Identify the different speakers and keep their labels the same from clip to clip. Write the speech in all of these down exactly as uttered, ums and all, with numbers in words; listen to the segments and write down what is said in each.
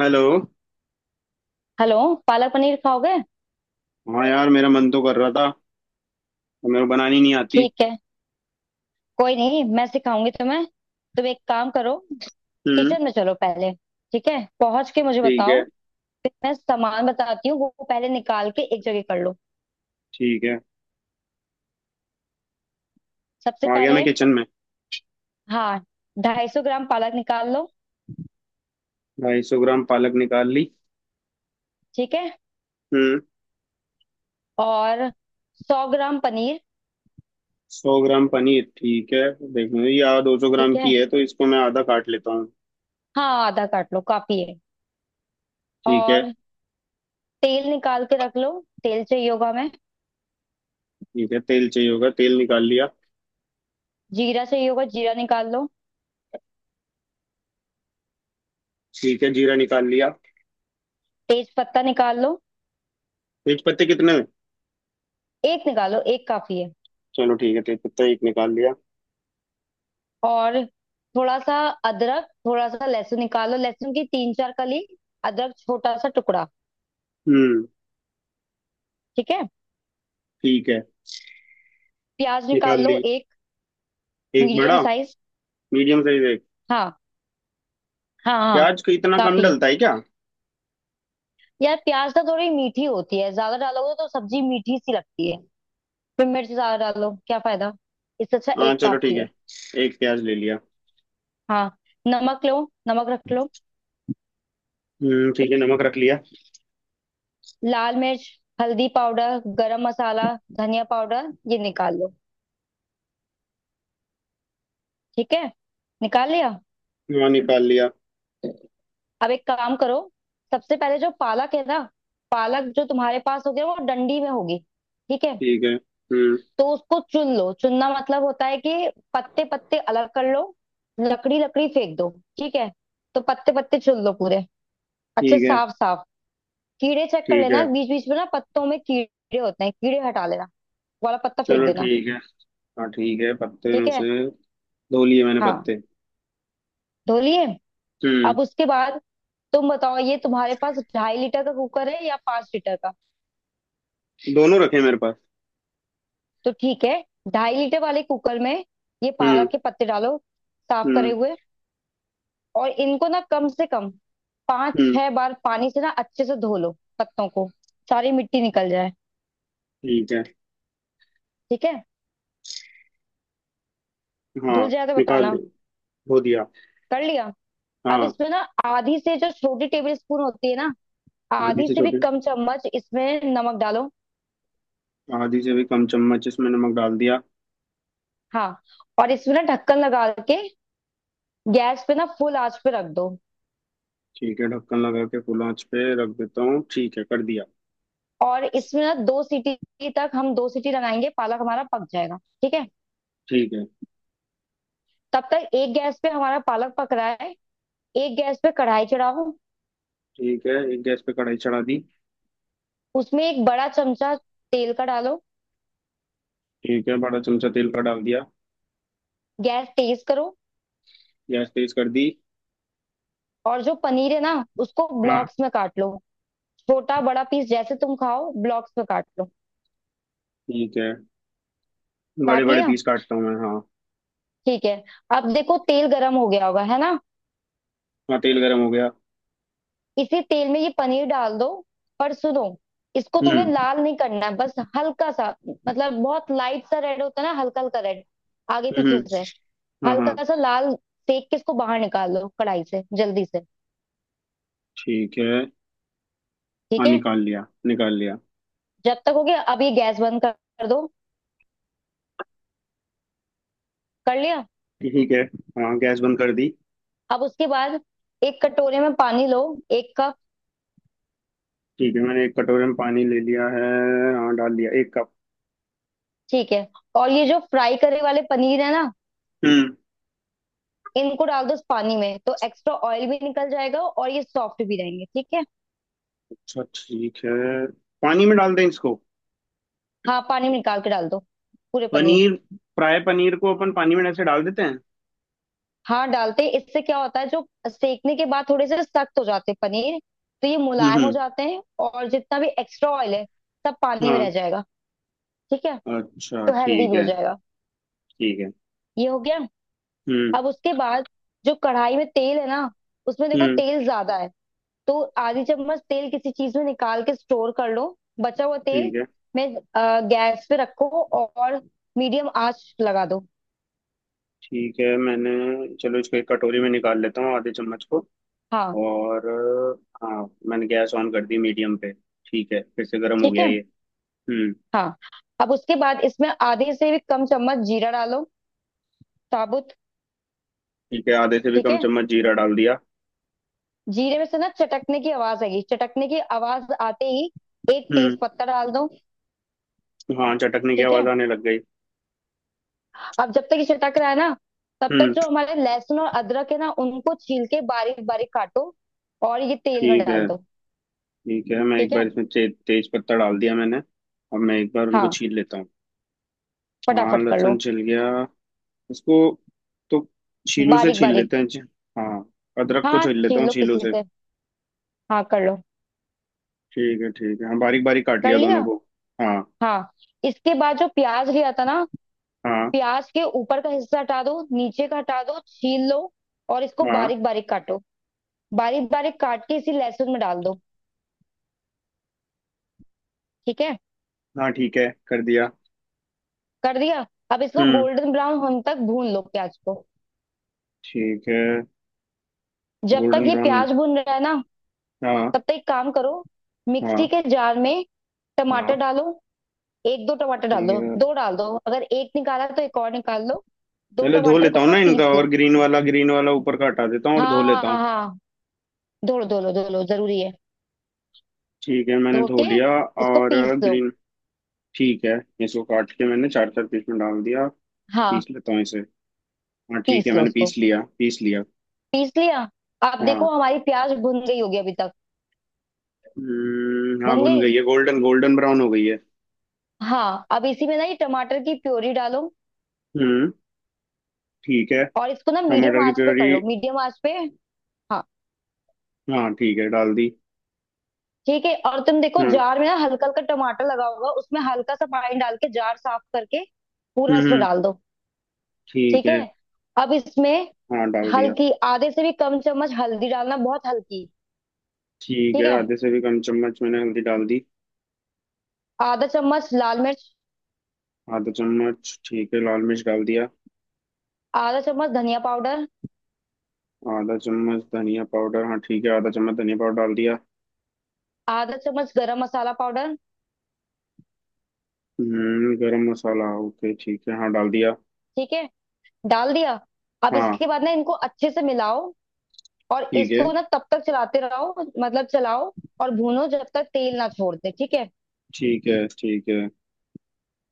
Speaker 1: Hello.
Speaker 2: Hello. Palak paneer खाओगे?
Speaker 1: हाँ यार, मेरा मन तो कर रहा था और मेरे को बनानी नहीं आती।
Speaker 2: ठीक है, कोई नहीं, मैं सिखाऊंगी तुम्हें। तुम एक काम करो,
Speaker 1: हम्म।
Speaker 2: किचन में चलो पहले। ठीक है, पहुंच के मुझे
Speaker 1: ठीक
Speaker 2: बताओ।
Speaker 1: है।
Speaker 2: फिर मैं सामान बताती हूँ, वो पहले निकाल के एक जगह कर लो।
Speaker 1: ठीक है,
Speaker 2: सबसे
Speaker 1: आ गया
Speaker 2: पहले
Speaker 1: मैं किचन में।
Speaker 2: हाँ ढाई सौ ग्राम पालक निकाल लो।
Speaker 1: ढाई सौ ग्राम पालक निकाल ली।
Speaker 2: ठीक है।
Speaker 1: हम्म।
Speaker 2: और सौ ग्राम पनीर।
Speaker 1: सौ ग्राम पनीर, ठीक है। देखो, ये आ दो सौ ग्राम
Speaker 2: ठीक
Speaker 1: की
Speaker 2: है,
Speaker 1: है तो इसको मैं आधा काट लेता हूँ।
Speaker 2: हाँ आधा काट लो, काफी है।
Speaker 1: ठीक है।
Speaker 2: और तेल निकाल के रख लो, तेल चाहिए होगा हमें।
Speaker 1: ठीक है, तेल चाहिए होगा, तेल निकाल लिया।
Speaker 2: जीरा चाहिए होगा, जीरा निकाल लो।
Speaker 1: ठीक है, जीरा निकाल लिया।
Speaker 2: तेज पत्ता निकाल लो।
Speaker 1: तेज पत्ते कितने?
Speaker 2: एक निकालो, एक काफी है।
Speaker 1: चलो ठीक है, तेज पत्ता एक निकाल लिया।
Speaker 2: और थोड़ा सा अदरक, थोड़ा सा लहसुन निकालो। लहसुन की तीन चार कली, अदरक छोटा सा टुकड़ा।
Speaker 1: हम्म,
Speaker 2: ठीक है।
Speaker 1: ठीक है,
Speaker 2: प्याज
Speaker 1: निकाल
Speaker 2: निकाल लो
Speaker 1: ली।
Speaker 2: एक,
Speaker 1: एक
Speaker 2: मीडियम
Speaker 1: बड़ा।
Speaker 2: साइज।
Speaker 1: मीडियम साइज एक।
Speaker 2: हाँ, हाँ, हाँ,
Speaker 1: प्याज का इतना कम
Speaker 2: काफी है।
Speaker 1: डलता है क्या?
Speaker 2: यार प्याज तो थोड़ी मीठी होती है, ज्यादा डालोगे तो सब्जी मीठी सी लगती है। फिर मिर्च ज्यादा डालो क्या फायदा। इससे अच्छा
Speaker 1: हाँ
Speaker 2: एक
Speaker 1: चलो ठीक
Speaker 2: काफी है।
Speaker 1: है, एक प्याज ले लिया।
Speaker 2: हाँ, नमक लो, नमक रख लो।
Speaker 1: हम्म ठीक है, नमक रख लिया।
Speaker 2: लाल मिर्च, हल्दी पाउडर, गरम मसाला, धनिया पाउडर, ये निकाल लो। ठीक है, निकाल लिया।
Speaker 1: हाँ निकाल लिया।
Speaker 2: अब एक काम करो। सबसे पहले जो पालक है ना, पालक जो तुम्हारे पास होगी ना, वो डंडी में होगी। ठीक है।
Speaker 1: ठीक है। हम्म
Speaker 2: तो उसको चुन लो, चुनना मतलब होता है कि पत्ते पत्ते अलग कर लो, लकड़ी लकड़ी फेंक दो। ठीक है। तो पत्ते पत्ते चुन लो पूरे, अच्छे
Speaker 1: ठीक है।
Speaker 2: साफ साफ। कीड़े चेक कर
Speaker 1: ठीक है।
Speaker 2: लेना, बीच बीच में ना पत्तों में कीड़े होते हैं, कीड़े हटा लेना। वो वाला पत्ता फेंक
Speaker 1: चलो
Speaker 2: देना।
Speaker 1: ठीक है। हाँ ठीक है, पत्ते
Speaker 2: ठीक
Speaker 1: में
Speaker 2: है,
Speaker 1: से धो लिए मैंने
Speaker 2: हाँ
Speaker 1: पत्ते।
Speaker 2: धो लिए।
Speaker 1: हम्म।
Speaker 2: अब उसके बाद तुम बताओ, ये तुम्हारे पास ढाई लीटर का कुकर है या पांच लीटर का।
Speaker 1: दोनों रखे मेरे पास।
Speaker 2: तो ठीक है, ढाई लीटर वाले कुकर में ये
Speaker 1: हम्म।
Speaker 2: पालक के पत्ते डालो, साफ करे
Speaker 1: हम्म।
Speaker 2: हुए। और इनको ना कम से कम पांच
Speaker 1: हम्म
Speaker 2: छह बार पानी से ना अच्छे से धो लो पत्तों को, सारी मिट्टी निकल जाए।
Speaker 1: ठीक है।
Speaker 2: ठीक है,
Speaker 1: हाँ
Speaker 2: धुल जाए तो
Speaker 1: निकाल दे,
Speaker 2: बताना।
Speaker 1: धो दिया।
Speaker 2: कर लिया। अब
Speaker 1: हाँ।
Speaker 2: इसमें ना आधी से जो छोटी टेबल स्पून होती है ना,
Speaker 1: आधी
Speaker 2: आधी
Speaker 1: से
Speaker 2: से भी
Speaker 1: छोटी,
Speaker 2: कम चम्मच इसमें नमक डालो।
Speaker 1: आधी से भी कम चम्मच इसमें नमक डाल दिया।
Speaker 2: हाँ, और इसमें ना ढक्कन लगा के गैस पे ना फुल आंच पे रख दो।
Speaker 1: ठीक है, ढक्कन लगा के फुल आंच पे रख देता हूँ, ठीक है कर दिया।
Speaker 2: और इसमें ना दो सीटी तक, हम दो सीटी लगाएंगे, पालक हमारा पक जाएगा। ठीक है।
Speaker 1: ठीक है।
Speaker 2: तब तक एक गैस पे हमारा पालक पक रहा है, एक गैस पे कढ़ाई चढ़ाओ।
Speaker 1: ठीक है, एक गैस पे कढ़ाई चढ़ा दी।
Speaker 2: उसमें एक बड़ा चमचा तेल का डालो।
Speaker 1: ठीक है, बड़ा चमचा तेल का डाल दिया।
Speaker 2: गैस तेज करो।
Speaker 1: गैस तेज कर दी।
Speaker 2: और जो पनीर है ना, उसको
Speaker 1: हाँ,
Speaker 2: ब्लॉक्स में काट लो। छोटा बड़ा पीस जैसे तुम खाओ, ब्लॉक्स में काट लो।
Speaker 1: ठीक है, बड़े
Speaker 2: काट
Speaker 1: बड़े
Speaker 2: लिया,
Speaker 1: पीस काटता हूँ मैं। हाँ।
Speaker 2: ठीक है। अब देखो तेल गरम हो गया होगा, है ना।
Speaker 1: हाँ तेल गरम हो गया।
Speaker 2: इसी तेल में ये पनीर डाल दो। पर सुनो, इसको तुम्हें
Speaker 1: हम्म।
Speaker 2: लाल नहीं करना है, बस हल्का सा। मतलब बहुत लाइट सा रेड होता है ना, हल्का हल्का रेड, आगे
Speaker 1: हम्म,
Speaker 2: पीछे से।
Speaker 1: हाँ हाँ।
Speaker 2: हल्का सा लाल सेक के इसको बाहर निकाल लो कढ़ाई से जल्दी से।
Speaker 1: ठीक है। हाँ
Speaker 2: ठीक है,
Speaker 1: निकाल लिया, निकाल लिया।
Speaker 2: जब तक हो गया अब ये गैस बंद कर कर दो कर लिया।
Speaker 1: ठीक है। हाँ गैस बंद कर दी।
Speaker 2: अब उसके बाद एक कटोरे में पानी लो, एक कप।
Speaker 1: ठीक है, मैंने एक कटोरे में पानी ले लिया है। हाँ डाल लिया एक कप।
Speaker 2: ठीक है, और ये जो फ्राई करे वाले पनीर है ना,
Speaker 1: हम्म।
Speaker 2: इनको डाल दो उस पानी में, तो एक्स्ट्रा ऑयल भी निकल जाएगा और ये सॉफ्ट भी रहेंगे। ठीक है,
Speaker 1: अच्छा ठीक है। पानी में डाल दें इसको?
Speaker 2: हाँ पानी में निकाल के डाल दो, पूरे पनीर।
Speaker 1: पनीर, फ्राई पनीर को अपन पानी में ऐसे डाल देते हैं?
Speaker 2: हाँ डालते हैं। इससे क्या होता है जो सेकने के बाद थोड़े से सख्त हो जाते हैं पनीर, तो ये
Speaker 1: हम्म
Speaker 2: मुलायम हो
Speaker 1: हम्म,
Speaker 2: जाते हैं, और जितना भी एक्स्ट्रा ऑयल है सब पानी में
Speaker 1: हाँ।
Speaker 2: रह जाएगा। ठीक है,
Speaker 1: अच्छा
Speaker 2: तो हेल्दी भी
Speaker 1: ठीक
Speaker 2: हो
Speaker 1: है।
Speaker 2: जाएगा।
Speaker 1: ठीक है।
Speaker 2: ये हो गया।
Speaker 1: हम्म।
Speaker 2: अब उसके बाद जो कढ़ाई में तेल है ना, उसमें देखो
Speaker 1: हम्म
Speaker 2: तेल ज्यादा है, तो आधी चम्मच तेल किसी चीज में निकाल के स्टोर कर लो, बचा हुआ
Speaker 1: ठीक
Speaker 2: तेल
Speaker 1: है।
Speaker 2: में अ, गैस पे रखो और मीडियम आंच लगा दो।
Speaker 1: ठीक है मैंने, चलो इसको एक कटोरी में निकाल लेता हूँ आधे चम्मच को।
Speaker 2: हाँ
Speaker 1: और अ, हाँ मैंने गैस ऑन कर दी मीडियम पे। ठीक है, फिर से गर्म हो
Speaker 2: ठीक
Speaker 1: गया
Speaker 2: है
Speaker 1: ये। हम्म।
Speaker 2: हाँ। अब उसके बाद इसमें आधे से भी कम चम्मच जीरा डालो, साबुत।
Speaker 1: ठीक है, आधे से भी
Speaker 2: ठीक
Speaker 1: कम
Speaker 2: है।
Speaker 1: चम्मच जीरा डाल दिया।
Speaker 2: जीरे में से ना चटकने की आवाज आएगी, चटकने की आवाज आते ही एक
Speaker 1: हम्म,
Speaker 2: तेज पत्ता डाल दो।
Speaker 1: हाँ चटकने की
Speaker 2: ठीक
Speaker 1: आवाज
Speaker 2: है।
Speaker 1: आने लग गई।
Speaker 2: अब जब तक ये चटक रहा है ना, तब तक
Speaker 1: हम्म,
Speaker 2: जो हमारे लहसुन और अदरक है ना, उनको छील के बारीक बारीक काटो और ये तेल में
Speaker 1: ठीक
Speaker 2: डाल
Speaker 1: है।
Speaker 2: दो।
Speaker 1: ठीक है, मैं एक
Speaker 2: ठीक
Speaker 1: बार
Speaker 2: है,
Speaker 1: इसमें ते, तेज पत्ता डाल दिया मैंने, अब मैं एक बार उनको
Speaker 2: हाँ
Speaker 1: छील लेता हूँ। हाँ
Speaker 2: फटाफट कर लो।
Speaker 1: लहसुन छिल गया। इसको तो छीलू से
Speaker 2: बारीक
Speaker 1: छील
Speaker 2: बारीक।
Speaker 1: लेते हैं जी। हाँ, अदरक को
Speaker 2: हाँ
Speaker 1: छील लेता
Speaker 2: छील
Speaker 1: हूँ
Speaker 2: लो
Speaker 1: छीलू
Speaker 2: किसी
Speaker 1: से।
Speaker 2: से, हाँ कर लो।
Speaker 1: ठीक है, ठीक है, हाँ बारीक बारीक काट
Speaker 2: कर
Speaker 1: लिया दोनों
Speaker 2: लिया
Speaker 1: को। हाँ।
Speaker 2: हाँ। इसके बाद जो प्याज लिया था ना,
Speaker 1: हाँ
Speaker 2: प्याज के ऊपर का हिस्सा हटा दो, नीचे का हटा दो, छील लो। और इसको
Speaker 1: हाँ
Speaker 2: बारीक बारीक काटो, बारीक बारीक काट के इसी लहसुन में डाल दो। ठीक है,
Speaker 1: हाँ, ठीक है कर दिया।
Speaker 2: कर दिया। अब इसको
Speaker 1: हम्म
Speaker 2: गोल्डन ब्राउन होने तक भून लो प्याज को।
Speaker 1: ठीक है।
Speaker 2: जब तक
Speaker 1: गोल्डन
Speaker 2: ये
Speaker 1: ब्राउन।
Speaker 2: प्याज भून रहा है ना,
Speaker 1: हाँ।
Speaker 2: तब तक एक काम करो।
Speaker 1: हाँ
Speaker 2: मिक्सी के जार में टमाटर
Speaker 1: हाँ।
Speaker 2: डालो। एक दो टमाटर डाल
Speaker 1: ठीक
Speaker 2: दो,
Speaker 1: है,
Speaker 2: दो डाल दो, अगर एक निकाला तो एक और निकाल लो। दो
Speaker 1: पहले धो
Speaker 2: टमाटर
Speaker 1: लेता
Speaker 2: को
Speaker 1: हूँ
Speaker 2: ना
Speaker 1: ना इनका,
Speaker 2: पीस
Speaker 1: और
Speaker 2: लो।
Speaker 1: ग्रीन वाला ग्रीन वाला ऊपर का हटा देता हूँ और धो
Speaker 2: हाँ, हाँ,
Speaker 1: लेता
Speaker 2: हाँ,
Speaker 1: हूँ।
Speaker 2: हाँ, धो लो, धो लो, धो लो, जरूरी है।
Speaker 1: ठीक है मैंने
Speaker 2: धो
Speaker 1: धो
Speaker 2: के
Speaker 1: लिया।
Speaker 2: इसको
Speaker 1: और
Speaker 2: पीस लो।
Speaker 1: ग्रीन। ठीक है, इसको काट के मैंने चार चार पीस में डाल दिया।
Speaker 2: हाँ
Speaker 1: पीस लेता हूँ इसे। हाँ ठीक है,
Speaker 2: पीस लो
Speaker 1: मैंने
Speaker 2: उसको,
Speaker 1: पीस लिया, पीस लिया।
Speaker 2: पीस लिया। अब
Speaker 1: हाँ।
Speaker 2: देखो हमारी प्याज भुन गई होगी अभी तक,
Speaker 1: हम्म, हाँ
Speaker 2: भुन
Speaker 1: भुन
Speaker 2: गई
Speaker 1: गई है, गोल्डन गोल्डन ब्राउन हो गई है।
Speaker 2: हाँ। अब इसी में ना ये टमाटर की प्योरी डालो,
Speaker 1: हम्म ठीक है।
Speaker 2: और इसको ना मीडियम
Speaker 1: टमाटर की
Speaker 2: आंच पे
Speaker 1: प्योरी?
Speaker 2: कर लो, मीडियम आंच पे। हाँ
Speaker 1: हाँ ठीक है, डाल दी।
Speaker 2: ठीक है। और तुम देखो
Speaker 1: हाँ।
Speaker 2: जार में ना हल्का हल्का टमाटर लगा होगा, उसमें हल्का सा पानी डाल के जार साफ करके पूरा
Speaker 1: हम्म
Speaker 2: इसमें
Speaker 1: हम्म,
Speaker 2: डाल दो।
Speaker 1: ठीक
Speaker 2: ठीक है।
Speaker 1: है।
Speaker 2: अब इसमें
Speaker 1: हाँ डाल दिया।
Speaker 2: हल्की आधे से भी कम चम्मच हल्दी डालना, बहुत हल्की।
Speaker 1: ठीक
Speaker 2: ठीक
Speaker 1: है,
Speaker 2: है।
Speaker 1: आधे से भी कम चम्मच मैंने हल्दी डाल दी।
Speaker 2: आधा चम्मच लाल मिर्च,
Speaker 1: आधा चम्मच, ठीक है, लाल मिर्च डाल दिया।
Speaker 2: आधा चम्मच धनिया पाउडर,
Speaker 1: आधा चम्मच धनिया पाउडर, हाँ ठीक है, आधा चम्मच धनिया पाउडर डाल दिया।
Speaker 2: आधा चम्मच गरम मसाला पाउडर।
Speaker 1: हम्म, गरम मसाला, ओके ठीक है, हाँ डाल दिया।
Speaker 2: ठीक है, डाल दिया। अब
Speaker 1: हाँ।
Speaker 2: इसके बाद ना इनको अच्छे से मिलाओ, और
Speaker 1: ठीक है।
Speaker 2: इसको ना तब तक चलाते रहो, मतलब चलाओ और भूनो जब तक तेल ना छोड़ दे। ठीक है।
Speaker 1: ठीक है। ठीक है,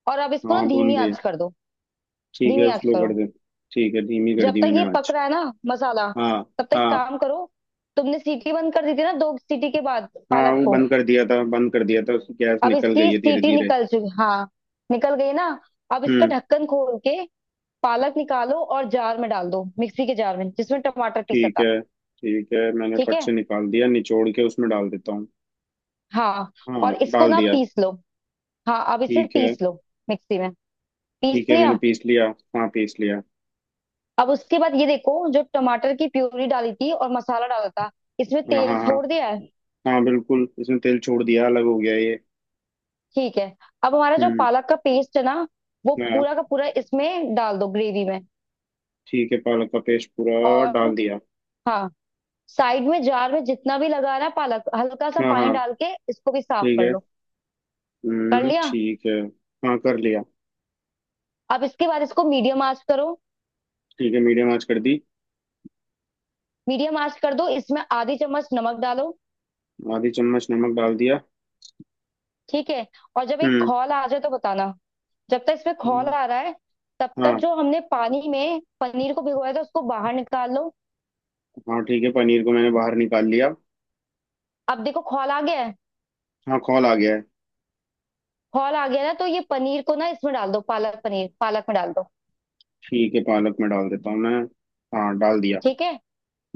Speaker 2: और अब इसको ना
Speaker 1: हाँ
Speaker 2: धीमी
Speaker 1: भून रही है।
Speaker 2: आंच कर दो,
Speaker 1: ठीक
Speaker 2: धीमी
Speaker 1: है,
Speaker 2: आंच
Speaker 1: स्लो कर
Speaker 2: करो।
Speaker 1: दे। ठीक है, धीमी कर
Speaker 2: जब
Speaker 1: दी
Speaker 2: तक
Speaker 1: मैंने
Speaker 2: ये पक
Speaker 1: आँच।
Speaker 2: रहा है ना मसाला,
Speaker 1: हाँ।
Speaker 2: तब तक
Speaker 1: हाँ,
Speaker 2: काम करो। तुमने सीटी बंद कर दी थी ना, दो सीटी के बाद
Speaker 1: हाँ
Speaker 2: पालक
Speaker 1: वो
Speaker 2: को।
Speaker 1: बंद कर दिया था, बंद कर दिया था, उसकी गैस
Speaker 2: अब
Speaker 1: निकल गई
Speaker 2: इसकी
Speaker 1: है धीरे
Speaker 2: सीटी
Speaker 1: धीरे।
Speaker 2: निकल चुकी हाँ, निकल गई ना। अब इसका
Speaker 1: हम्म
Speaker 2: ढक्कन खोल के पालक निकालो, और जार में डाल दो, मिक्सी के जार में जिसमें टमाटर पीसा
Speaker 1: ठीक
Speaker 2: था।
Speaker 1: है। ठीक है, मैंने
Speaker 2: ठीक
Speaker 1: फट
Speaker 2: है,
Speaker 1: से निकाल दिया, निचोड़ के उसमें डाल देता हूँ।
Speaker 2: हाँ।
Speaker 1: हाँ
Speaker 2: और इसको
Speaker 1: डाल
Speaker 2: ना
Speaker 1: दिया।
Speaker 2: पीस लो, हाँ अब इसे
Speaker 1: ठीक है।
Speaker 2: पीस लो, मिक्सी में। पीस
Speaker 1: ठीक है, मैंने
Speaker 2: लिया।
Speaker 1: पीस लिया। हाँ पीस लिया।
Speaker 2: अब उसके बाद ये देखो, जो टमाटर की प्यूरी डाली थी और मसाला डाला था, इसमें
Speaker 1: हाँ
Speaker 2: तेल
Speaker 1: हाँ हाँ।
Speaker 2: छोड़ दिया है।
Speaker 1: हाँ, बिल्कुल इसने तेल छोड़ दिया, अलग हो गया ये।
Speaker 2: ठीक है। अब हमारा जो
Speaker 1: हम्म।
Speaker 2: पालक का पेस्ट है ना, वो
Speaker 1: हाँ
Speaker 2: पूरा का पूरा इसमें डाल दो, ग्रेवी में।
Speaker 1: ठीक है, पालक का पेस्ट पूरा
Speaker 2: और
Speaker 1: डाल दिया।
Speaker 2: हाँ साइड में जार में जितना भी लगा रहा है पालक, हल्का सा
Speaker 1: हाँ
Speaker 2: पानी
Speaker 1: हाँ।
Speaker 2: डाल के इसको भी साफ
Speaker 1: ठीक
Speaker 2: कर
Speaker 1: है।
Speaker 2: लो। कर
Speaker 1: हम्म
Speaker 2: लिया।
Speaker 1: ठीक है। हाँ कर लिया।
Speaker 2: अब इसके बाद इसको मीडियम आंच करो,
Speaker 1: ठीक है, मीडियम आंच कर दी।
Speaker 2: मीडियम आंच कर दो। इसमें आधी चम्मच नमक डालो।
Speaker 1: आधी चम्मच नमक डाल दिया।
Speaker 2: ठीक है, और जब एक
Speaker 1: हम्म
Speaker 2: खौल आ जाए तो बताना। जब तक इसमें खौल
Speaker 1: हम्म,
Speaker 2: आ रहा है, तब तक
Speaker 1: हाँ।
Speaker 2: जो हमने पानी में पनीर को भिगोया था उसको बाहर निकाल लो।
Speaker 1: हाँ ठीक है, पनीर को मैंने बाहर निकाल लिया।
Speaker 2: अब देखो खौल आ गया है,
Speaker 1: हाँ खोल आ गया है।
Speaker 2: खौल आ गया ना, तो ये पनीर को ना इसमें डाल दो, पालक पनीर, पालक में डाल दो।
Speaker 1: ठीक है, पालक में डाल देता हूँ मैं। हाँ डाल दिया।
Speaker 2: ठीक है।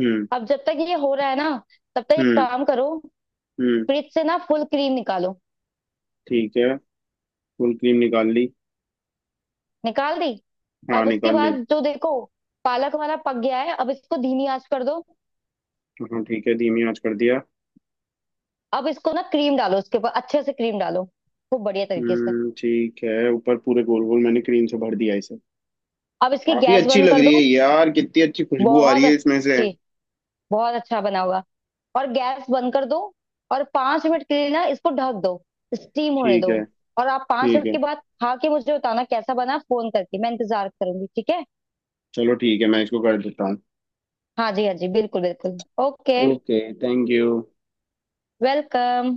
Speaker 1: हम्म।
Speaker 2: अब जब तक ये हो रहा है ना, तब तक एक
Speaker 1: हम्म।
Speaker 2: काम करो।
Speaker 1: हम्म
Speaker 2: फ्रिज से ना फुल क्रीम निकालो।
Speaker 1: ठीक है, फुल क्रीम निकाल ली।
Speaker 2: निकाल दी।
Speaker 1: हाँ
Speaker 2: अब उसके
Speaker 1: निकाल ली।
Speaker 2: बाद जो देखो पालक हमारा पक गया है, अब इसको धीमी आंच कर दो।
Speaker 1: हाँ ठीक है, धीमी आंच कर दिया।
Speaker 2: अब इसको ना क्रीम डालो उसके ऊपर, अच्छे से क्रीम डालो खूब बढ़िया तरीके से।
Speaker 1: हम्म ठीक है, ऊपर पूरे गोल गोल मैंने क्रीम से भर दिया इसे।
Speaker 2: अब इसकी
Speaker 1: काफी
Speaker 2: गैस
Speaker 1: अच्छी
Speaker 2: बंद
Speaker 1: लग
Speaker 2: कर
Speaker 1: रही है
Speaker 2: दो।
Speaker 1: यार, कितनी अच्छी खुशबू आ रही
Speaker 2: बहुत
Speaker 1: है इसमें से।
Speaker 2: अच्छी, बहुत अच्छा बना होगा। और गैस बंद कर दो, और पांच मिनट के लिए ना इसको ढक दो, स्टीम होने
Speaker 1: ठीक
Speaker 2: दो।
Speaker 1: है।
Speaker 2: और आप पांच
Speaker 1: ठीक
Speaker 2: मिनट
Speaker 1: है,
Speaker 2: के बाद खा के मुझे बताना कैसा बना, फोन करके मैं इंतजार करूंगी, ठीक है।
Speaker 1: चलो ठीक है, मैं इसको कर देता हूँ।
Speaker 2: हाँ जी हाँ जी, बिल्कुल बिल्कुल। Okay.
Speaker 1: Okay, thank you.
Speaker 2: Welcome.